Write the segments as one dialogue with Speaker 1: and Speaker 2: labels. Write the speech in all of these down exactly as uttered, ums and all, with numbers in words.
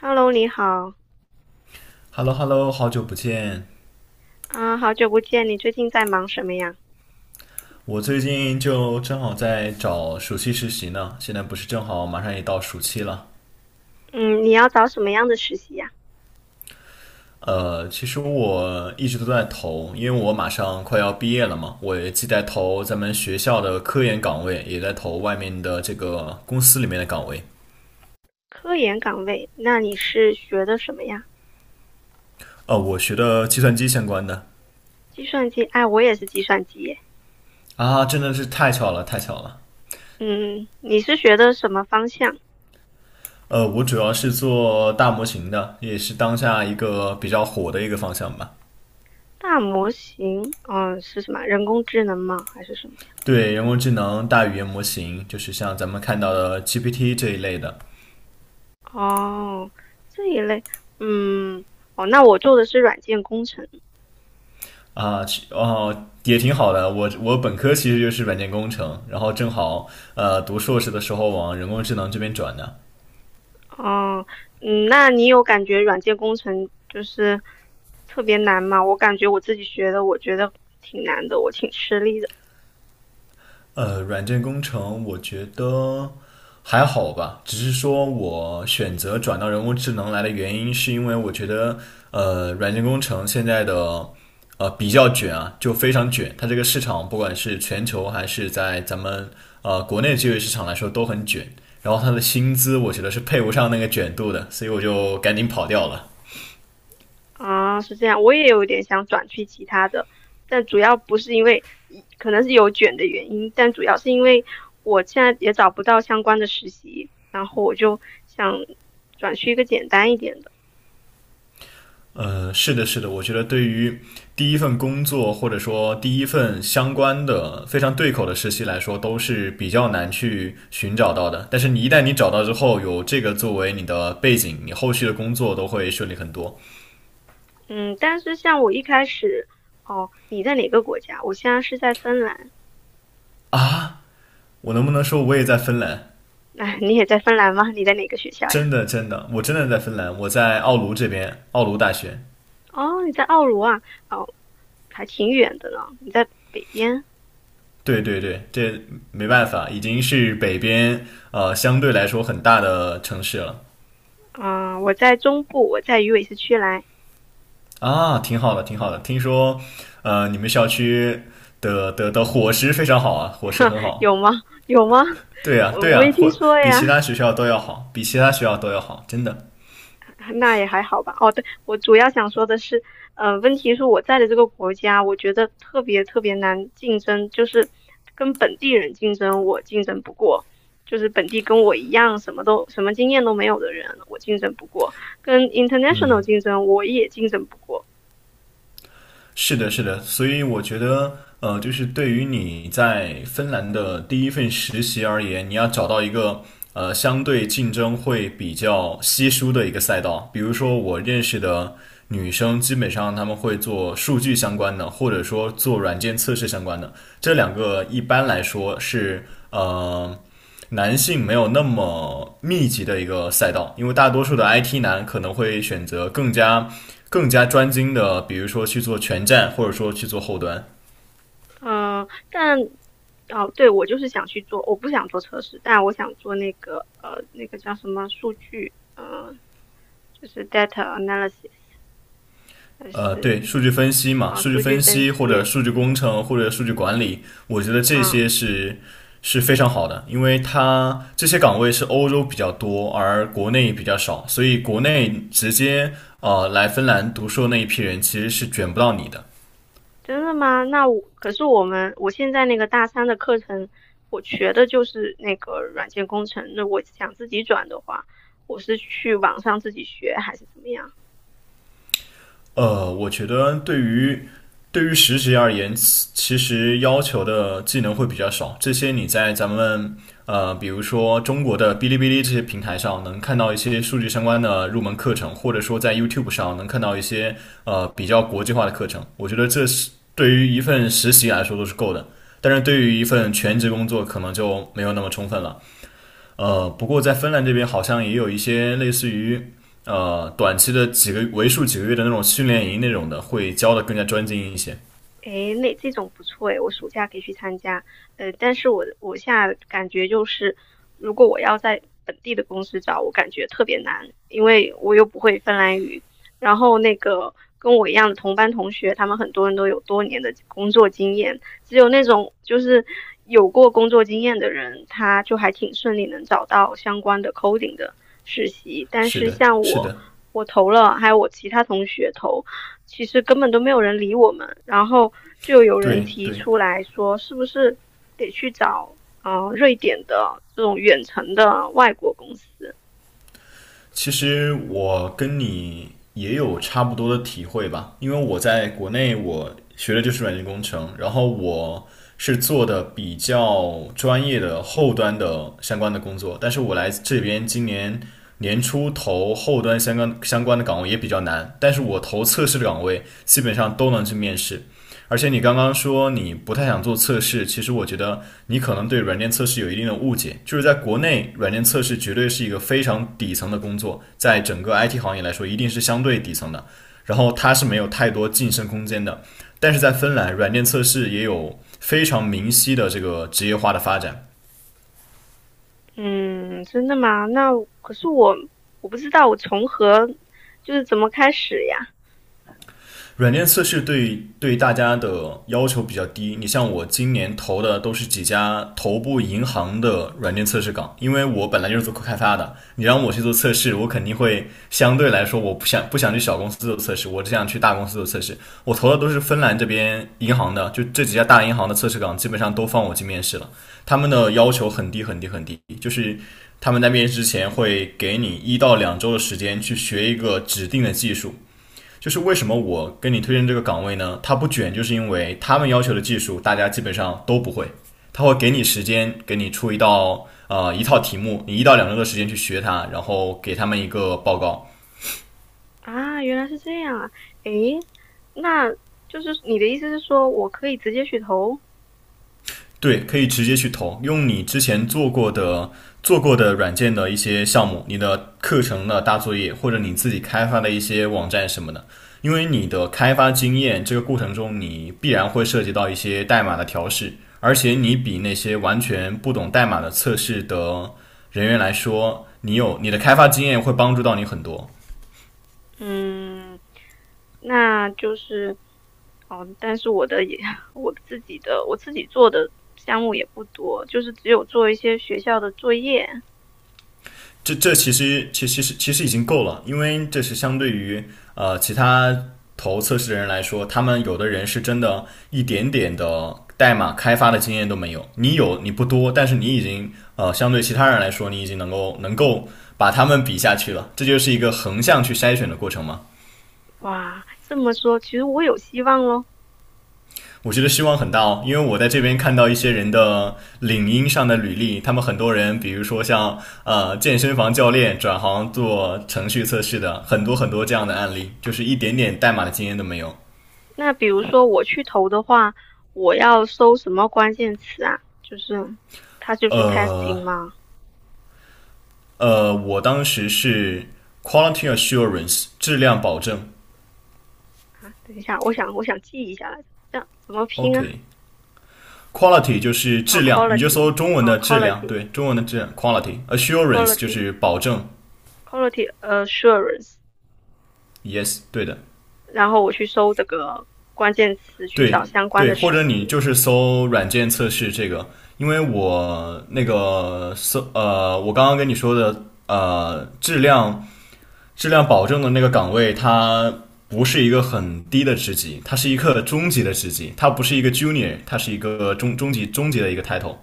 Speaker 1: Hello，你好。
Speaker 2: Hello Hello，好久不见！
Speaker 1: 啊，好久不见，你最近在忙什么呀？
Speaker 2: 我最近就正好在找暑期实习呢，现在不是正好马上也到暑期了。
Speaker 1: 嗯，你要找什么样的实习呀？
Speaker 2: 呃，其实我一直都在投，因为我马上快要毕业了嘛，我也既在投咱们学校的科研岗位，也在投外面的这个公司里面的岗位。
Speaker 1: 科研岗位，那你是学的什么呀？
Speaker 2: 呃，我学的计算机相关的。
Speaker 1: 计算机，哎，我也是计算机耶。
Speaker 2: 啊，真的是太巧了，太巧了。
Speaker 1: 嗯，你是学的什么方向？
Speaker 2: 呃，我主要是做大模型的，也是当下一个比较火的一个方向吧。
Speaker 1: 大模型，嗯，是什么？人工智能吗？还是什么
Speaker 2: 对人工智能、大语言模型，就是像咱们看到的 G P T 这一类的。
Speaker 1: 呀？哦，这一类，嗯，哦，那我做的是软件工程。
Speaker 2: 啊，其哦，也挺好的。我我本科其实就是软件工程，然后正好呃读硕士的时候往人工智能这边转的。
Speaker 1: 哦，嗯，那你有感觉软件工程就是特别难吗？我感觉我自己学的，我觉得挺难的，我挺吃力的。
Speaker 2: 呃，软件工程我觉得还好吧，只是说我选择转到人工智能来的原因，是因为我觉得呃，软件工程现在的呃比较卷啊，就非常卷，它这个市场不管是全球还是在咱们呃国内就业市场来说都很卷，然后它的薪资我觉得是配不上那个卷度的，所以我就赶紧跑掉了。
Speaker 1: 啊，是这样，我也有点想转去其他的，但主要不是因为，一可能是有卷的原因，但主要是因为我现在也找不到相关的实习，然后我就想转去一个简单一点的。
Speaker 2: 呃，是的，是的，我觉得对于第一份工作或者说第一份相关的非常对口的实习来说，都是比较难去寻找到的。但是你一旦你找到之后，有这个作为你的背景，你后续的工作都会顺利很多。
Speaker 1: 嗯，但是像我一开始，哦，你在哪个国家？我现在是在芬兰。
Speaker 2: 我能不能说我也在芬兰？
Speaker 1: 哎，你也在芬兰吗？你在哪个学校呀？
Speaker 2: 真的，真的，我真的在芬兰，我在奥卢这边，奥卢大学。
Speaker 1: 哦，你在奥卢啊？哦，还挺远的呢。你在北边？
Speaker 2: 对对对，这没办法，已经是北边呃相对来说很大的城市了。
Speaker 1: 嗯，我在中部，我在鱼尾市区来。
Speaker 2: 啊，挺好的，挺好的。听说，呃，你们校区的的的伙食非常好啊，伙 食
Speaker 1: 呵
Speaker 2: 很
Speaker 1: 有
Speaker 2: 好。
Speaker 1: 吗？有吗？
Speaker 2: 对呀，
Speaker 1: 我
Speaker 2: 对
Speaker 1: 我没
Speaker 2: 呀，
Speaker 1: 听
Speaker 2: 或
Speaker 1: 说
Speaker 2: 比
Speaker 1: 呀。
Speaker 2: 其他学校都要好，比其他学校都要好，真的。
Speaker 1: 那也还好吧。哦，对，我主要想说的是，呃，问题是我在的这个国家，我觉得特别特别难竞争，就是跟本地人竞争，我竞争不过。就是本地跟我一样什么都什么经验都没有的人，我竞争不过；跟 international 竞争，我也竞争不过。
Speaker 2: 是的，是的，所以我觉得，呃，就是对于你在芬兰的第一份实习而言，你要找到一个呃相对竞争会比较稀疏的一个赛道。比如说，我认识的女生，基本上她们会做数据相关的，或者说做软件测试相关的。这两个一般来说是呃男性没有那么密集的一个赛道，因为大多数的 I T 男可能会选择更加更加专精的，比如说去做全站，或者说去做后端。
Speaker 1: 嗯，但哦，对，我就是想去做，我不想做测试，但我想做那个呃，那个叫什么数据，呃，就是 data analysis,还
Speaker 2: 呃，对，
Speaker 1: 是
Speaker 2: 数据分析嘛，
Speaker 1: 啊、
Speaker 2: 数据
Speaker 1: 数据
Speaker 2: 分
Speaker 1: 分
Speaker 2: 析
Speaker 1: 析。
Speaker 2: 或者数据工程或者数据管理，我觉得这些
Speaker 1: 嗯，
Speaker 2: 是是非常好的，因为它这些岗位是欧洲比较多，而国内比较少，所以国内直接呃来芬兰读硕那一批人其实是卷不到你的。
Speaker 1: 真的吗？那我可是我们我现在那个大三的课程，我学的就是那个软件工程。那我想自己转的话，我是去网上自己学还是怎么样？
Speaker 2: 呃，我觉得对于对于实习而言，其其实要求的技能会比较少。这些你在咱们呃，比如说中国的哔哩哔哩这些平台上能看到一些数据相关的入门课程，或者说在 YouTube 上能看到一些呃比较国际化的课程。我觉得这是对于一份实习来说都是够的，但是对于一份全职工作可能就没有那么充分了。呃，不过在芬兰这边好像也有一些类似于呃短期的几个为数几个月的那种训练营那种的，会教的更加专精一些。
Speaker 1: 诶，那这种不错诶，我暑假可以去参加。呃，但是我我现在感觉就是，如果我要在本地的公司找，我感觉特别难，因为我又不会芬兰语。然后那个跟我一样的同班同学，他们很多人都有多年的工作经验，只有那种就是有过工作经验的人，他就还挺顺利能找到相关的 coding 的实习。但
Speaker 2: 是
Speaker 1: 是
Speaker 2: 的，
Speaker 1: 像
Speaker 2: 是
Speaker 1: 我，
Speaker 2: 的，
Speaker 1: 我投了，还有我其他同学投。其实根本都没有人理我们，然后就有人
Speaker 2: 对
Speaker 1: 提
Speaker 2: 对。
Speaker 1: 出来说，是不是得去找呃瑞典的这种远程的外国公司？
Speaker 2: 其实我跟你也有差不多的体会吧，因为我在国内我学的就是软件工程，然后我是做的比较专业的后端的相关的工作，但是我来这边今年年初投后端相关相关的岗位也比较难，但是我投测试的岗位基本上都能去面试，而且你刚刚说你不太想做测试，其实我觉得你可能对软件测试有一定的误解，就是在国内，软件测试绝对是一个非常底层的工作，在整个 I T 行业来说，一定是相对底层的，然后它是没有太多晋升空间的。但是在芬兰，软件测试也有非常明晰的这个职业化的发展。
Speaker 1: 嗯，真的吗？那可是我我不知道我从何就是怎么开始呀？
Speaker 2: 软件测试对对大家的要求比较低。你像我今年投的都是几家头部银行的软件测试岗，因为我本来就是做开发的，你让我去做测试，我肯定会相对来说我不想不想去小公司做测试，我只想去大公司做测试。我投的都是芬兰这边银行的，就这几家大银行的测试岗基本上都放我去面试了，他们的要求很低很低很低，就是。他们在面试之前会给你一到两周的时间去学一个指定的技术，就是为什么我跟你推荐这个岗位呢？它不卷，就是因为他们要求的技术大家基本上都不会，他会给你时间，给你出一道呃一套题目，你一到两周的时间去学它，然后给他们一个报告。
Speaker 1: 啊，原来是这样啊。诶，那就是你的意思是说我可以直接去投？
Speaker 2: 对，可以直接去投，用你之前做过的做过的软件的一些项目，你的课程的大作业，或者你自己开发的一些网站什么的。因为你的开发经验，这个过程中你必然会涉及到一些代码的调试，而且你比那些完全不懂代码的测试的人员来说，你有你的开发经验会帮助到你很多。
Speaker 1: 嗯，那就是，哦，但是我的也，我自己的，我自己做的项目也不多，就是只有做一些学校的作业。
Speaker 2: 这这其实其其实其实已经够了，因为这是相对于呃其他投测试的人来说，他们有的人是真的一点点的代码开发的经验都没有，你有你不多，但是你已经呃相对其他人来说，你已经能够能够把他们比下去了，这就是一个横向去筛选的过程嘛。
Speaker 1: 哇，这么说，其实我有希望咯。
Speaker 2: 我觉得希望很大哦，因为我在这边看到一些人的领英上的履历，他们很多人，比如说像呃健身房教练转行做程序测试的，很多很多这样的案例，就是一点点代码的经验都没有。
Speaker 1: 那比如说我去投的话，我要搜什么关键词啊？就是它就是
Speaker 2: 呃
Speaker 1: testing 吗？
Speaker 2: 呃，我当时是 quality assurance 质量保证
Speaker 1: 啊，等一下，我想我想记一下来着，这样怎么拼啊？
Speaker 2: ，OK。Quality 就是
Speaker 1: 哦
Speaker 2: 质量，你就
Speaker 1: ，quality,
Speaker 2: 搜中文
Speaker 1: 哦
Speaker 2: 的质量，对，中文的质量 quality。Assurance 就
Speaker 1: ，quality，quality，quality
Speaker 2: 是保证
Speaker 1: assurance。
Speaker 2: ，yes,对的。
Speaker 1: 然后我去搜这个关键词，去找
Speaker 2: 对
Speaker 1: 相关
Speaker 2: 对，
Speaker 1: 的
Speaker 2: 或
Speaker 1: 实
Speaker 2: 者你
Speaker 1: 习。
Speaker 2: 就是搜软件测试这个，因为我那个搜呃，我刚刚跟你说的呃，质量质量保证的那个岗位，它不是一个很低的职级，它是一个中级的职级，它不是一个 junior,它是一个中中级中级的一个 title。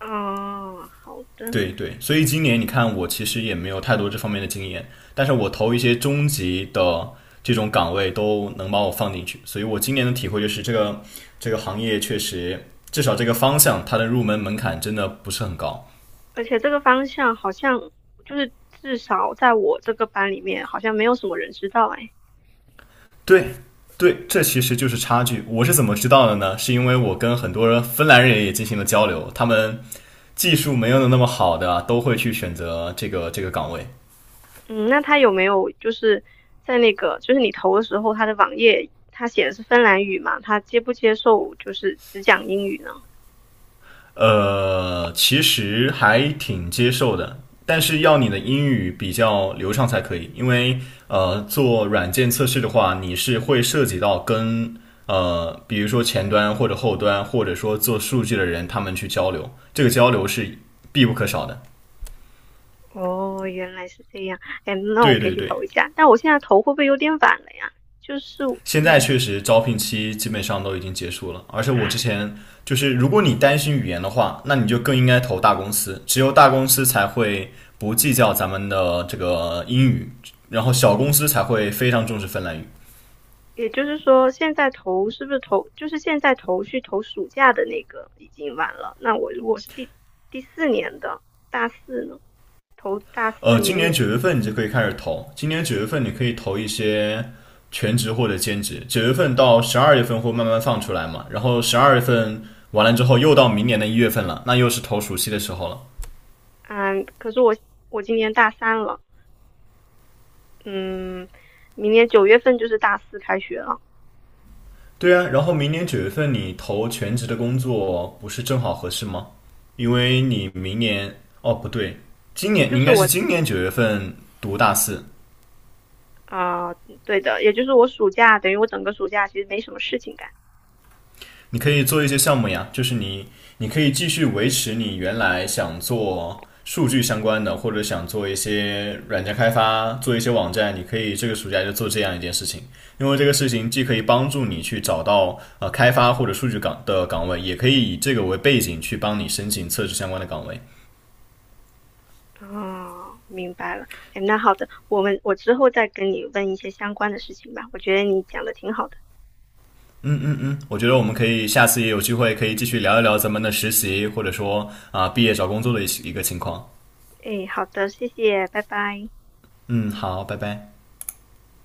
Speaker 1: 哦，好的。
Speaker 2: 对对，所以今年你看，我其实也没有太多这方面的经验，但是我投一些中级的这种岗位都能把我放进去，所以我今年的体会就是这个这个行业确实，至少这个方向它的入门门槛真的不是很高。
Speaker 1: 而且这个方向好像就是至少在我这个班里面，好像没有什么人知道哎。
Speaker 2: 对对，这其实就是差距。我是怎么知道的呢？是因为我跟很多人芬兰人也进行了交流，他们技术没有那么好的都会去选择这个这个岗位。
Speaker 1: 嗯，那他有没有就是在那个就是你投的时候，他的网页他写的是芬兰语嘛？他接不接受就是只讲英语呢？
Speaker 2: 呃，其实还挺接受的，但是要你的英语比较流畅才可以，因为呃，做软件测试的话，你是会涉及到跟呃，比如说前端或者后端，或者说做数据的人他们去交流，这个交流是必不可少的。
Speaker 1: 哦，原来是这样。哎，那我
Speaker 2: 对
Speaker 1: 可以
Speaker 2: 对
Speaker 1: 去
Speaker 2: 对，
Speaker 1: 投一下。但我现在投会不会有点晚了呀？就是，
Speaker 2: 现在
Speaker 1: 嗯，
Speaker 2: 确实招聘期基本上都已经结束了，而且 我之
Speaker 1: 啊。
Speaker 2: 前就是，如果你担心语言的话，那你就更应该投大公司，只有大公司才会不计较咱们的这个英语，然后小公司才会非常重视芬兰语。
Speaker 1: 也就是说，现在投是不是投，就是现在投去投暑假的那个已经晚了。那我如果是第第四年的大四呢，投大四
Speaker 2: 呃，今
Speaker 1: 明
Speaker 2: 年
Speaker 1: 年，
Speaker 2: 九月份你就可以开始投，今年九月份你可以投一些全职或者兼职，九月份到十二月份会慢慢放出来嘛，然后十二月份完了之后又到明年的一月份了，那又是投暑期的时候了。
Speaker 1: 嗯，可是我我今年大三了，嗯，明年九月份就是大四开学了，
Speaker 2: 对啊，然后明年九月份你投全职的工作不是正好合适吗？因为你明年哦不对，今年
Speaker 1: 就
Speaker 2: 你应
Speaker 1: 是
Speaker 2: 该是
Speaker 1: 我
Speaker 2: 今年九月份读大四，
Speaker 1: 啊、呃对的，也就是我暑假等于我整个暑假其实没什么事情干。
Speaker 2: 你可以做一些项目呀，就是你你可以继续维持你原来想做数据相关的，或者想做一些软件开发，做一些网站，你可以这个暑假就做这样一件事情，因为这个事情既可以帮助你去找到呃开发或者数据岗的岗位，也可以以这个为背景去帮你申请测试相关的岗位。
Speaker 1: 哦，明白了。哎，那好的，我们我之后再跟你问一些相关的事情吧。我觉得你讲的挺好的。
Speaker 2: 我觉得我们可以下次也有机会可以继续聊一聊咱们的实习，或者说啊、呃毕业找工作的一一个情况。
Speaker 1: 诶，好的，谢谢，拜拜。
Speaker 2: 嗯，好，拜拜。